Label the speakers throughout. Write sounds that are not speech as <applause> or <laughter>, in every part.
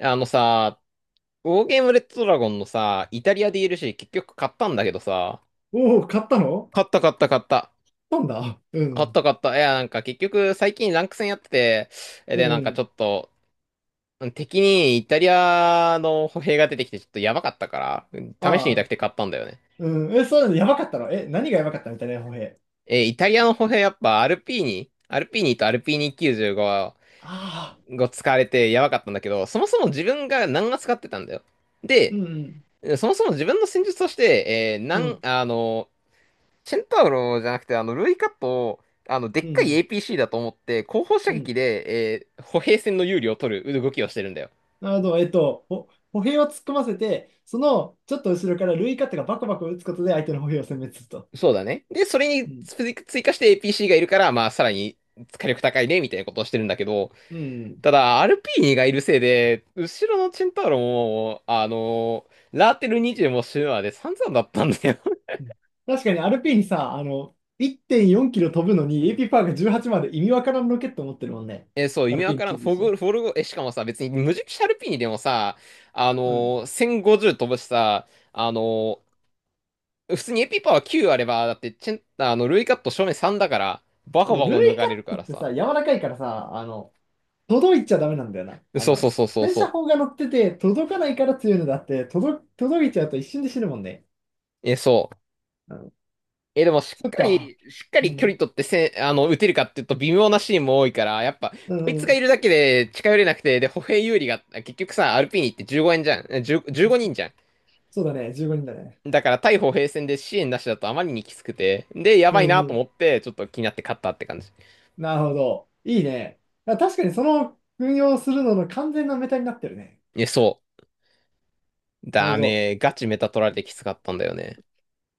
Speaker 1: あのさ、ウォーゲームレッドドラゴンのさ、イタリア d るし結局買ったんだけどさ、
Speaker 2: おお、買ったの。
Speaker 1: 買った買った買った。
Speaker 2: 買ったんだ。う
Speaker 1: 買っ
Speaker 2: ん。
Speaker 1: た買った。いや、なんか結局最近ランク戦やってて、
Speaker 2: う
Speaker 1: で、なんかち
Speaker 2: ん。
Speaker 1: ょっと、敵にイタリアの歩兵が出てきてちょっとやばかったから、試して
Speaker 2: あ
Speaker 1: みた
Speaker 2: あ。
Speaker 1: くて買ったんだよね。
Speaker 2: うん。え、そうなの？やばかったの？え、何がやばかったみたいな、歩兵。
Speaker 1: え、イタリアの歩兵やっぱアルピーニとアルピーニ95
Speaker 2: ああ。
Speaker 1: が使われてやばかったんだけど、そもそも自分が何が使ってたんだよ。で、
Speaker 2: うん。
Speaker 1: そもそも自分の戦術として、えー、な
Speaker 2: う
Speaker 1: ん、
Speaker 2: ん。
Speaker 1: あの、チェンタウロじゃなくて、ルイカと、で
Speaker 2: う
Speaker 1: っ
Speaker 2: ん。
Speaker 1: か
Speaker 2: う
Speaker 1: い
Speaker 2: ん。
Speaker 1: APC だと思って、後方射
Speaker 2: うん。
Speaker 1: 撃で、歩兵戦の有利を取る動きをしてるんだよ。
Speaker 2: なるほど。えっと、歩兵を突っ込ませて、その、ちょっと後ろからルイカットがバコバコ打つことで相手の歩兵を殲滅すると。
Speaker 1: そうだね。で、それに
Speaker 2: うん。
Speaker 1: 追加して APC がいるから、まあ、さらに火力高いね、みたいなことをしてるんだけど、
Speaker 2: うん。
Speaker 1: ただ、アルピーニがいるせいで、後ろのチェンタウロも、ラーテル20もシュまで散々だったんだよ。
Speaker 2: うん。確かにアルピーにさ、あの、1.4キロ飛ぶのに AP パワーが18まで意味わからんロケット持ってるもんね。
Speaker 1: <laughs> えそう、意
Speaker 2: ア
Speaker 1: 味
Speaker 2: ルピ
Speaker 1: わ
Speaker 2: ーに
Speaker 1: からん。
Speaker 2: 記事でしょ。
Speaker 1: フォルゴ、え、しかもさ、別に無敵シャルピーニでもさ、
Speaker 2: うん。
Speaker 1: 1050飛ぶしさ、あの普通にエピパワー9あれば、だってチェン、あの、ルイカット正面3だから、バコ
Speaker 2: そう
Speaker 1: バ
Speaker 2: ル
Speaker 1: コ抜
Speaker 2: イ
Speaker 1: か
Speaker 2: カッ
Speaker 1: れるか
Speaker 2: ト
Speaker 1: ら
Speaker 2: って
Speaker 1: さ。
Speaker 2: さ、柔らかいからさ、あの、届いちゃダメなんだよな。あ
Speaker 1: そう
Speaker 2: の、
Speaker 1: そうそうそう
Speaker 2: 洗車
Speaker 1: そう。
Speaker 2: 砲が乗ってて、届かないから強いのだって、届いちゃうと一瞬で死ぬもんね。
Speaker 1: え、そう。
Speaker 2: うん、
Speaker 1: え、でも
Speaker 2: そっか。
Speaker 1: しっか
Speaker 2: う
Speaker 1: り距離
Speaker 2: ん。
Speaker 1: 取ってせあの、打てるかっていうと微妙なシーンも多いから、やっぱ、
Speaker 2: う
Speaker 1: こい
Speaker 2: ん、う
Speaker 1: つがい
Speaker 2: ん。
Speaker 1: るだけで近寄れなくて、で、歩兵有利が、結局さ、アルピーニって15円じゃん。1 5人じゅうごにんじゃ
Speaker 2: そうだね。15人だね。
Speaker 1: ん。だから、対歩兵戦で支援なしだとあまりにきつくて、で、や
Speaker 2: う
Speaker 1: ばいな
Speaker 2: ん、う
Speaker 1: と
Speaker 2: ん。
Speaker 1: 思って、ちょっと気になって勝ったって感じ。
Speaker 2: なるほど。いいね。あ、確かにその運用するのの完全なメタになってるね。
Speaker 1: え、そう。
Speaker 2: なる
Speaker 1: だ
Speaker 2: ほど。
Speaker 1: ね、ガチメタ取られてきつかったんだよね。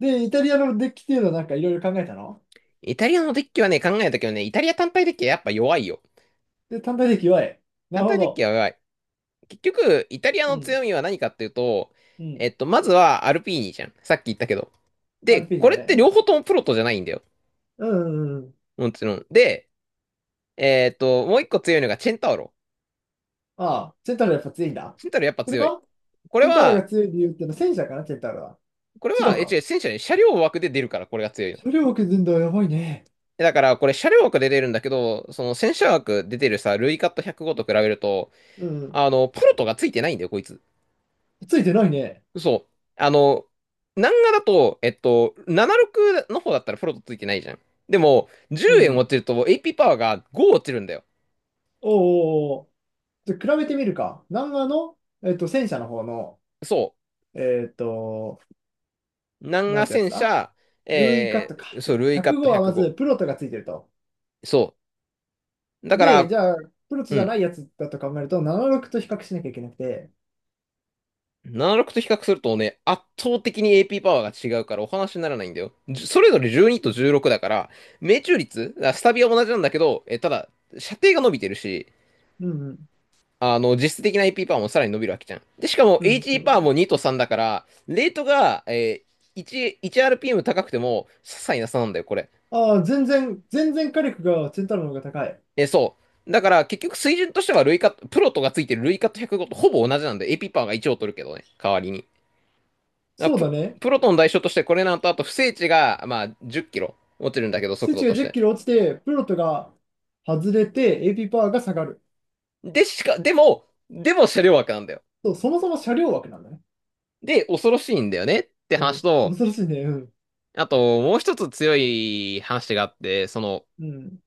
Speaker 2: で、イタリアのデッキっていうのはなんかいろいろ考えたの
Speaker 1: イタリアのデッキはね、考えたけどね、イタリア単体デッキはやっぱ弱いよ。
Speaker 2: で、単体デッキ弱い。な
Speaker 1: 単
Speaker 2: るほ
Speaker 1: 体デッキ
Speaker 2: ど。
Speaker 1: は弱い。結局、イタリア
Speaker 2: う
Speaker 1: の
Speaker 2: ん、
Speaker 1: 強みは何かっていうと、
Speaker 2: うん。
Speaker 1: まずはアルピーニじゃん。さっき言ったけど。
Speaker 2: ア
Speaker 1: で、
Speaker 2: ルピーニ
Speaker 1: こ
Speaker 2: だ
Speaker 1: れって
Speaker 2: ね。
Speaker 1: 両方ともプロトじゃないんだよ。
Speaker 2: うん、うん、うん。うん。
Speaker 1: もちろん。で、もう一個強いのがチェンタウロ。
Speaker 2: ああ、セントラルやっぱ強いんだ。
Speaker 1: チェンタウロやっぱ
Speaker 2: それ
Speaker 1: 強い。
Speaker 2: は
Speaker 1: これ
Speaker 2: センタウロが
Speaker 1: は、
Speaker 2: 強い理由ってのは戦車かな、センタウロは。
Speaker 1: これ
Speaker 2: 違
Speaker 1: は、
Speaker 2: う
Speaker 1: え、違
Speaker 2: か。
Speaker 1: う、戦車ね、車両枠で出るから、これが強いの。
Speaker 2: 車両を削るんだ、やばいね。
Speaker 1: だから、これ車両枠で出るんだけど、その戦車枠で出てるさ、ルイカット105と比べると、
Speaker 2: うん。
Speaker 1: プロトがついてないんだよ、こいつ。
Speaker 2: ついてないね。
Speaker 1: そう。南画だと、76の方だったらフロットついてないじゃん。でも、
Speaker 2: う
Speaker 1: 10円落
Speaker 2: ん。
Speaker 1: ちると AP パワーが5落ちるんだよ。
Speaker 2: おーおーおー。じゃあ比べてみるか。南アの、えっと、戦車の方の、
Speaker 1: そ
Speaker 2: えっと、
Speaker 1: う。南
Speaker 2: な
Speaker 1: 画
Speaker 2: んてやつ
Speaker 1: 戦
Speaker 2: だ。
Speaker 1: 車、
Speaker 2: ルーイカットか。そ
Speaker 1: そ
Speaker 2: う
Speaker 1: う、
Speaker 2: だ。
Speaker 1: ルイカット
Speaker 2: 105はまず
Speaker 1: 105。
Speaker 2: プロトがついてると。
Speaker 1: そう。だか
Speaker 2: で、じ
Speaker 1: ら、
Speaker 2: ゃあ、プロト
Speaker 1: う
Speaker 2: じゃな
Speaker 1: ん。
Speaker 2: いやつだと考えると、76と比較しなきゃいけなくて。
Speaker 1: 76と比較するとね、圧倒的に AP パワーが違うからお話にならないんだよ。それぞれ12と16だから、命中率、スタビは同じなんだけど、え、ただ、射程が伸びてるし、
Speaker 2: うん、うん。
Speaker 1: 実質的な AP パワーもさらに伸びるわけじゃん。で、しかも
Speaker 2: うん、
Speaker 1: h
Speaker 2: そ
Speaker 1: ーパワー
Speaker 2: う。
Speaker 1: も2と3だから、レートが、ー、1、r p m 高くても、些細な差なんだよ、これ。
Speaker 2: ああ、全然火力がセンタウロの方が高い。
Speaker 1: そう。だから、結局水準としては、ルイカット、プロトがついてるルイカット105とほぼ同じなんで、AP パワーが1を取るけどね、代わりに。だ
Speaker 2: そ
Speaker 1: か
Speaker 2: う
Speaker 1: ら
Speaker 2: だね。
Speaker 1: プロトの代償として、これなんと、あと、不正値が、まあ、10キロ落ちるんだけど、速
Speaker 2: 数
Speaker 1: 度
Speaker 2: 値
Speaker 1: と
Speaker 2: が
Speaker 1: し
Speaker 2: 10
Speaker 1: て。
Speaker 2: キロ落ちて、プロットが外れて、AP パワーが下がる。
Speaker 1: で、しか、でも、でも車両枠なんだよ。
Speaker 2: そう、そもそも車両枠なんだね。
Speaker 1: で、恐ろしいんだよねって
Speaker 2: う
Speaker 1: 話
Speaker 2: ん。
Speaker 1: と、
Speaker 2: 恐ろしいね。うん。
Speaker 1: あと、もう一つ強い話があって、
Speaker 2: うん。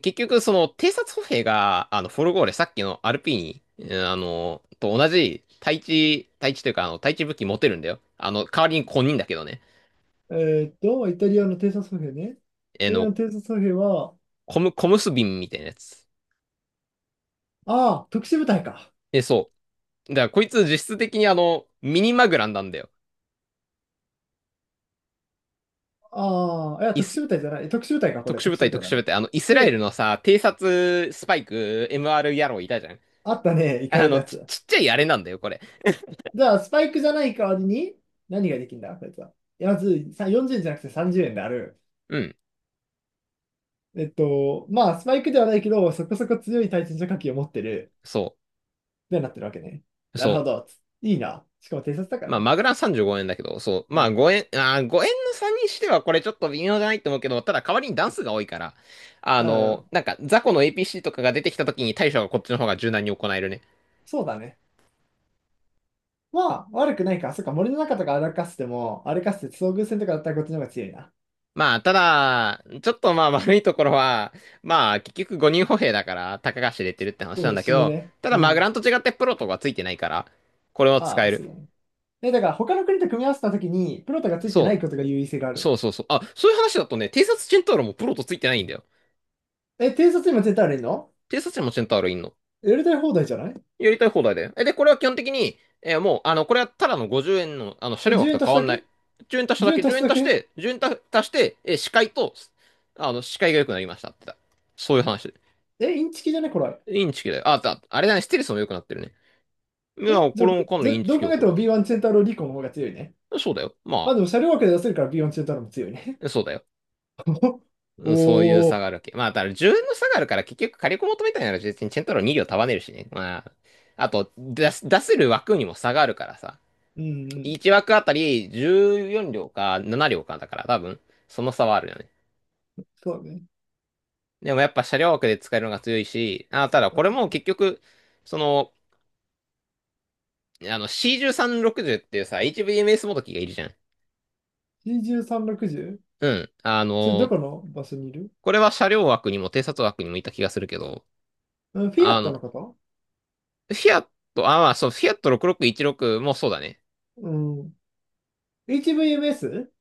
Speaker 1: 結局、偵察歩兵が、フォルゴーレ、さっきのアールピーに、うんと同じ、対地というか、対地武器持てるんだよ。代わりに小人だけどね。
Speaker 2: えーっと、イタリアの偵察歩兵ね。イ
Speaker 1: え
Speaker 2: タリア
Speaker 1: の、
Speaker 2: の偵察歩兵は、
Speaker 1: コム、コムスビンみたいなやつ。
Speaker 2: ああ、特殊部隊か。
Speaker 1: え、そう。だから、こいつ実質的にミニマグランなんだよ。
Speaker 2: ああ、いや、
Speaker 1: イ
Speaker 2: 特
Speaker 1: ス、
Speaker 2: 殊部隊じゃない。特殊部隊か、これ。
Speaker 1: 特殊部
Speaker 2: 特殊
Speaker 1: 隊、
Speaker 2: 部隊
Speaker 1: 特
Speaker 2: だ
Speaker 1: 殊部
Speaker 2: ね。
Speaker 1: 隊。イスラエル
Speaker 2: で、
Speaker 1: のさ、偵察スパイク、MR 野郎いたじゃん。
Speaker 2: あったね。行かれたやつ。
Speaker 1: ちっちゃいあれなんだよ、これ。
Speaker 2: じゃあ、スパイクじゃない代わりに、何ができるんだ、こいつは。いやまず、さ40円、じゅうえんじゃなくて30円である。
Speaker 1: うん。
Speaker 2: えっと、まあ、スパイクではないけど、そこそこ強い対戦車火器を持ってる
Speaker 1: そ
Speaker 2: ようになってるわけね。
Speaker 1: う。
Speaker 2: な
Speaker 1: そ
Speaker 2: るほ
Speaker 1: う。
Speaker 2: ど。いいな。しかも偵察だから
Speaker 1: まあ、
Speaker 2: ね。
Speaker 1: マグラ35円だけど、そう。
Speaker 2: う
Speaker 1: まあ、
Speaker 2: ん。
Speaker 1: 5円、円の差にしてはこれちょっと微妙じゃないと思うけど、ただ代わりに段数が多いから、
Speaker 2: うん、うん。
Speaker 1: なんか、雑魚の APC とかが出てきた時に対処がこっちの方が柔軟に行えるね。
Speaker 2: そうだね。まあ、悪くないか。そっか、森の中とか歩かせても、歩かせて遭遇戦とかだったらこっちの方が強いな。
Speaker 1: まあ、ただ、ちょっとまあ悪いところは、まあ、結局5人歩兵だから、たかが知れてるって
Speaker 2: そ
Speaker 1: 話
Speaker 2: う
Speaker 1: な
Speaker 2: だ
Speaker 1: ん
Speaker 2: ね、
Speaker 1: だけ
Speaker 2: 死ぬ
Speaker 1: ど、
Speaker 2: ね。
Speaker 1: ただ
Speaker 2: う
Speaker 1: マグラ
Speaker 2: ん。
Speaker 1: ンと違ってプロとかついてないから、これは使
Speaker 2: あ
Speaker 1: え
Speaker 2: あ、
Speaker 1: る。
Speaker 2: そうだね。え、だから他の国と組み合わせたときに、プロトがついてな
Speaker 1: そ
Speaker 2: いことが優位性がある。
Speaker 1: そうそうそう。あ、そういう話だとね、偵察チェンターロもプロとついてないんだよ。
Speaker 2: え、偵察今絶対あるの？
Speaker 1: 偵察にもチェンターロいんの。
Speaker 2: やりたい放題じゃない？
Speaker 1: やりたい放題で。え、で、これは基本的に、えーもう、あの、これはただの50円の、車
Speaker 2: え、
Speaker 1: 両枠
Speaker 2: 10
Speaker 1: と
Speaker 2: 円足し
Speaker 1: 変わ
Speaker 2: ただ
Speaker 1: んない。
Speaker 2: け？
Speaker 1: 10円足しただ
Speaker 2: 10
Speaker 1: け、
Speaker 2: 円
Speaker 1: 10
Speaker 2: 足した
Speaker 1: 円
Speaker 2: だ
Speaker 1: 足し
Speaker 2: け？
Speaker 1: て、1円足して、視界と、視界が良くなりましたってだ。そういう話。
Speaker 2: え、インチキじゃねこれ。
Speaker 1: インチキだよ。あ、あれだね、ステルスも良くなってるね。い
Speaker 2: え、
Speaker 1: や、
Speaker 2: じ
Speaker 1: これ
Speaker 2: ゃあこ
Speaker 1: も
Speaker 2: れ、
Speaker 1: かなりインチキ
Speaker 2: どう
Speaker 1: 起
Speaker 2: 考え
Speaker 1: こ
Speaker 2: ても
Speaker 1: る
Speaker 2: B1 チェンタローリコの方が強いね。
Speaker 1: よ。そうだよ。
Speaker 2: ま
Speaker 1: ま
Speaker 2: あでも車両枠で出せるから B1 チェンタローも強いね。
Speaker 1: あ、そうだよ。
Speaker 2: <laughs>
Speaker 1: うん、そういう
Speaker 2: おお
Speaker 1: 差
Speaker 2: ー。
Speaker 1: があるわけ。まあ、だから10円の差があるから結局火力求めたいなら別にチェントロ2両束ねるしね。まあ、あと、出せる枠にも差があるからさ。
Speaker 2: うんうん。
Speaker 1: 1枠あたり14両か7両かだから多分その差はあるよね。
Speaker 2: そうだね。
Speaker 1: でもやっぱ車両枠で使えるのが強いし、あ、ただ
Speaker 2: は
Speaker 1: これも
Speaker 2: い、
Speaker 1: 結局、その、C1360 っていうさ、HVMS もどきがいるじゃん。
Speaker 2: C13、60？
Speaker 1: うん。
Speaker 2: それどこの場所にいる？
Speaker 1: これは車両枠にも偵察枠にもいた気がするけど、
Speaker 2: うん、フィア
Speaker 1: あ
Speaker 2: ッ
Speaker 1: の、
Speaker 2: ト
Speaker 1: フ
Speaker 2: のこと？
Speaker 1: ィアット、あ、まあそう、フィアット6616もそうだね。
Speaker 2: うん。HVMS？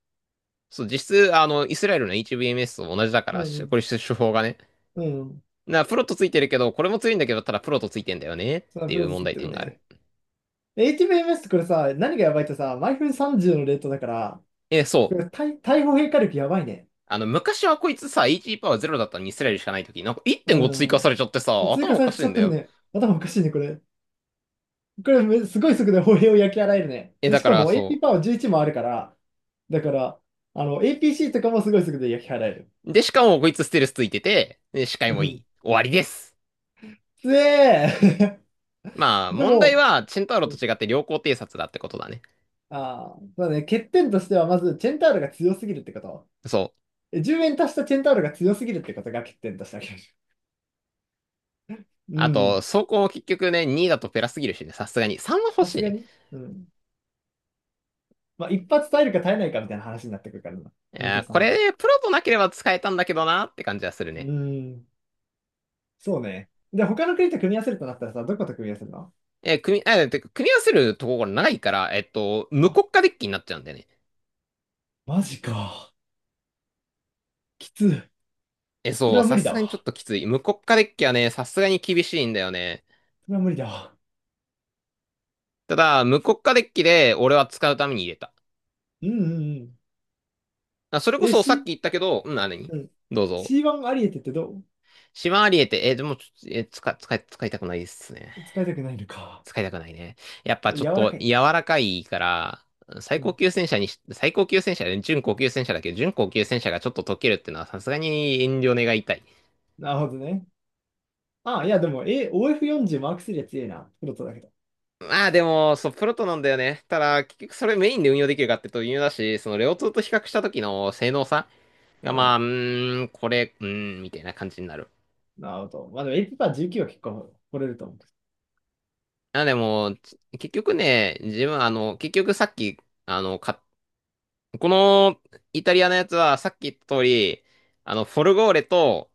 Speaker 1: そう、実質、イスラエルの HVMS と同じだか
Speaker 2: う
Speaker 1: ら、
Speaker 2: んう
Speaker 1: こ
Speaker 2: ん。
Speaker 1: れ手法がね。
Speaker 2: うん。
Speaker 1: プロットついてるけど、これも強いんだけど、ただプロットついてんだよねっ
Speaker 2: そう、ア
Speaker 1: て
Speaker 2: プ
Speaker 1: いう
Speaker 2: ロセ
Speaker 1: 問
Speaker 2: スっ
Speaker 1: 題
Speaker 2: てる
Speaker 1: 点がある。
Speaker 2: ね。HVMS ってこれさ、何がやばいってさ、毎分30のレートだから、こ
Speaker 1: そ
Speaker 2: れ
Speaker 1: う。
Speaker 2: 対砲変化力やばいね。
Speaker 1: 昔はこいつさ、AG パワーゼロだったのにイスラエルしかないとき、なんか1.5追
Speaker 2: う
Speaker 1: 加
Speaker 2: ん。
Speaker 1: されちゃってさ、
Speaker 2: 追
Speaker 1: 頭
Speaker 2: 加
Speaker 1: お
Speaker 2: さ
Speaker 1: か
Speaker 2: れ
Speaker 1: し
Speaker 2: ち
Speaker 1: い
Speaker 2: ゃ
Speaker 1: ん
Speaker 2: っ
Speaker 1: だ
Speaker 2: てる
Speaker 1: よ。
Speaker 2: ね。頭おかしいね、これ。これ、めすごい速度で歩兵を焼き払えるね。
Speaker 1: え、
Speaker 2: で、
Speaker 1: だ
Speaker 2: し
Speaker 1: か
Speaker 2: か
Speaker 1: ら
Speaker 2: も AP
Speaker 1: そ
Speaker 2: パワー11もあるから、だから、あの、APC とかもすごい速度で焼き払える。
Speaker 1: う。で、しかもこいつステルスついてて、で、視界
Speaker 2: う
Speaker 1: もいい。
Speaker 2: ん。
Speaker 1: 終わりです。
Speaker 2: つえー。
Speaker 1: ま
Speaker 2: <laughs>
Speaker 1: あ、
Speaker 2: で
Speaker 1: 問題
Speaker 2: も、
Speaker 1: は、チェンタウロと違って良好偵察だってことだね。
Speaker 2: ああ、そうね、欠点としては、まず、チェンタールが強すぎるってこと。
Speaker 1: そう。
Speaker 2: え、10円足したチェンタールが強すぎるってことが欠点としてありましょう。<laughs> う
Speaker 1: あと、
Speaker 2: ん、
Speaker 1: 走行も結局ね、2だとペラすぎるしね、さすがに。3は欲
Speaker 2: さ
Speaker 1: し
Speaker 2: す
Speaker 1: い
Speaker 2: が
Speaker 1: ね。
Speaker 2: に。うん。まあ、一発耐えるか耐えないかみたいな話になってくるからな。
Speaker 1: い
Speaker 2: ニ
Speaker 1: や
Speaker 2: ト
Speaker 1: ー
Speaker 2: さ
Speaker 1: こ
Speaker 2: ん
Speaker 1: れ
Speaker 2: と。
Speaker 1: ね、プロとなければ使えたんだけどなって感じはする
Speaker 2: う
Speaker 1: ね。
Speaker 2: ん、そうね。で、他の国と組み合わせるとなったらさ、どこと組み合わせるの？
Speaker 1: えー組み、あ、てか組み合わせるところが長いから、無
Speaker 2: あ、
Speaker 1: 国家デッキになっちゃうんだよね。
Speaker 2: マジか。きつい。
Speaker 1: え、
Speaker 2: そ
Speaker 1: そ
Speaker 2: れ
Speaker 1: う、
Speaker 2: は無
Speaker 1: さ
Speaker 2: 理
Speaker 1: す
Speaker 2: だ
Speaker 1: がにちょっ
Speaker 2: わ。
Speaker 1: ときつい。無国家デッキはね、さすがに厳しいんだよね。
Speaker 2: それは無理だわ。
Speaker 1: ただ、無国家デッキで俺は使うために入れた。
Speaker 2: うんうんうん。
Speaker 1: あ、それこ
Speaker 2: え、
Speaker 1: そさっき
Speaker 2: C、
Speaker 1: 言ったけど、うん、あ、何
Speaker 2: うん。
Speaker 1: どうぞ。
Speaker 2: C1 アリエテってど
Speaker 1: シマアリエて、でもちょ、え、使いたくないですね。
Speaker 2: う？使いたくないのか。
Speaker 1: 使いたくないね。やっぱちょっ
Speaker 2: 柔ら
Speaker 1: と
Speaker 2: かい。
Speaker 1: 柔らかいから、
Speaker 2: うん。
Speaker 1: 最高級戦車で、準高級戦車だけど、準高級戦車がちょっと溶けるってのはさすがに遠慮願いたい。
Speaker 2: なるほどね。あ、いや、でも、え、OF40 マーク3は強いな。プロトだけど。
Speaker 1: まあでも、そう、プロトなんだよね。ただ、結局それメインで運用できるかっていうと微妙だし、そのレオ2と比較した時の性能差が、
Speaker 2: う
Speaker 1: まあ、
Speaker 2: ん。
Speaker 1: これ、みたいな感じになる。
Speaker 2: なるほど。まあ、でも、エイパー19は結構掘れると思
Speaker 1: あ、でも、結局ね、自分、あの、結局さっき、あの、か、このイタリアのやつはさっき言った通り、フォルゴーレと、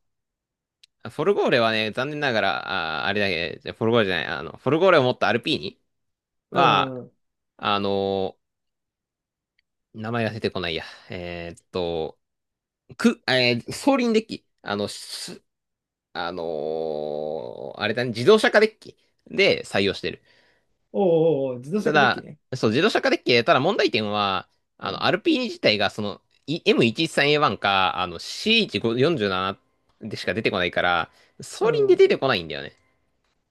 Speaker 1: フォルゴーレはね、残念ながら、あ、あれだけ、じゃフォルゴーレじゃない、フォルゴーレを持ったアルピーニ
Speaker 2: う。う
Speaker 1: は、
Speaker 2: ん。おう
Speaker 1: あの名前が出てこないや。えーっと、く、えー、総輪デッキ。あの、す、あのーあれだね、自動車化デッキで採用してる。
Speaker 2: おうおう、自動車
Speaker 1: た
Speaker 2: デッキ
Speaker 1: だ、
Speaker 2: ね。
Speaker 1: そう、自動車化デッキ、ただ問題点は、
Speaker 2: う
Speaker 1: ア
Speaker 2: ん。
Speaker 1: ルピーニ自体が、その、M113A1 か、C1547 でしか出てこないから、総
Speaker 2: う
Speaker 1: 輪で
Speaker 2: ん。
Speaker 1: 出てこないんだよね。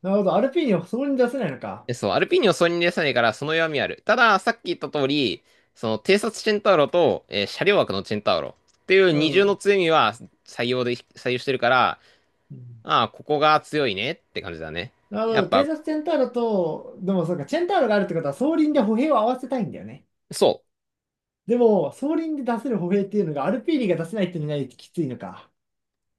Speaker 2: なるほど。アルピーニをそこに出せないのか。
Speaker 1: そう、アルピーニを総任でさないから、その弱みある。ただ、さっき言った通り、その、偵察チェンタウロと、車両枠のチェンタウロっていう
Speaker 2: う
Speaker 1: 二重の
Speaker 2: ん。
Speaker 1: 強みは採用してるから、
Speaker 2: うん。
Speaker 1: ああ、ここが強いねって感じだね。
Speaker 2: なるほ
Speaker 1: やっ
Speaker 2: ど。偵
Speaker 1: ぱ、
Speaker 2: 察チェンターロと、でもそうか、チェンターロがあるってことは、総輪で歩兵を合わせたいんだよね。
Speaker 1: そう。
Speaker 2: でも、総輪で出せる歩兵っていうのが、アルピーニが出せないっていうのがきついのか。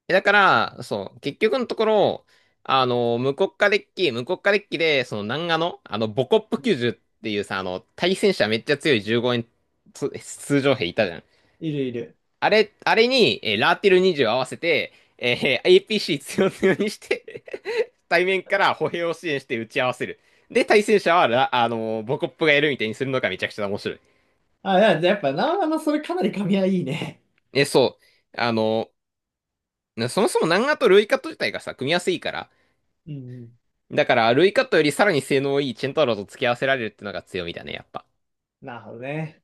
Speaker 1: だから、そう、結局のところ、無国家デッキで、その、南アの、ボコップ90っていうさ、対戦車めっちゃ強い15円つ通常兵いたじゃん。
Speaker 2: いるいる。
Speaker 1: あれに、ラーティル20を合わせて、APC 強強にして <laughs> 対面から歩兵を支援して打ち合わせる。で、対戦者はラ、あのーボコップがやるみたいにするのがめちゃくちゃ面白い。
Speaker 2: あ、いや、やっぱ、な、あの、それかなり噛み合いいね。
Speaker 1: え、そう。あのそもそも南アとルイカット自体がさ、組み合わせいいから。
Speaker 2: うんうん。
Speaker 1: だから、ルイカットよりさらに性能いいチェンタロウと付き合わせられるってのが強みだね、やっぱ。
Speaker 2: なるほどね。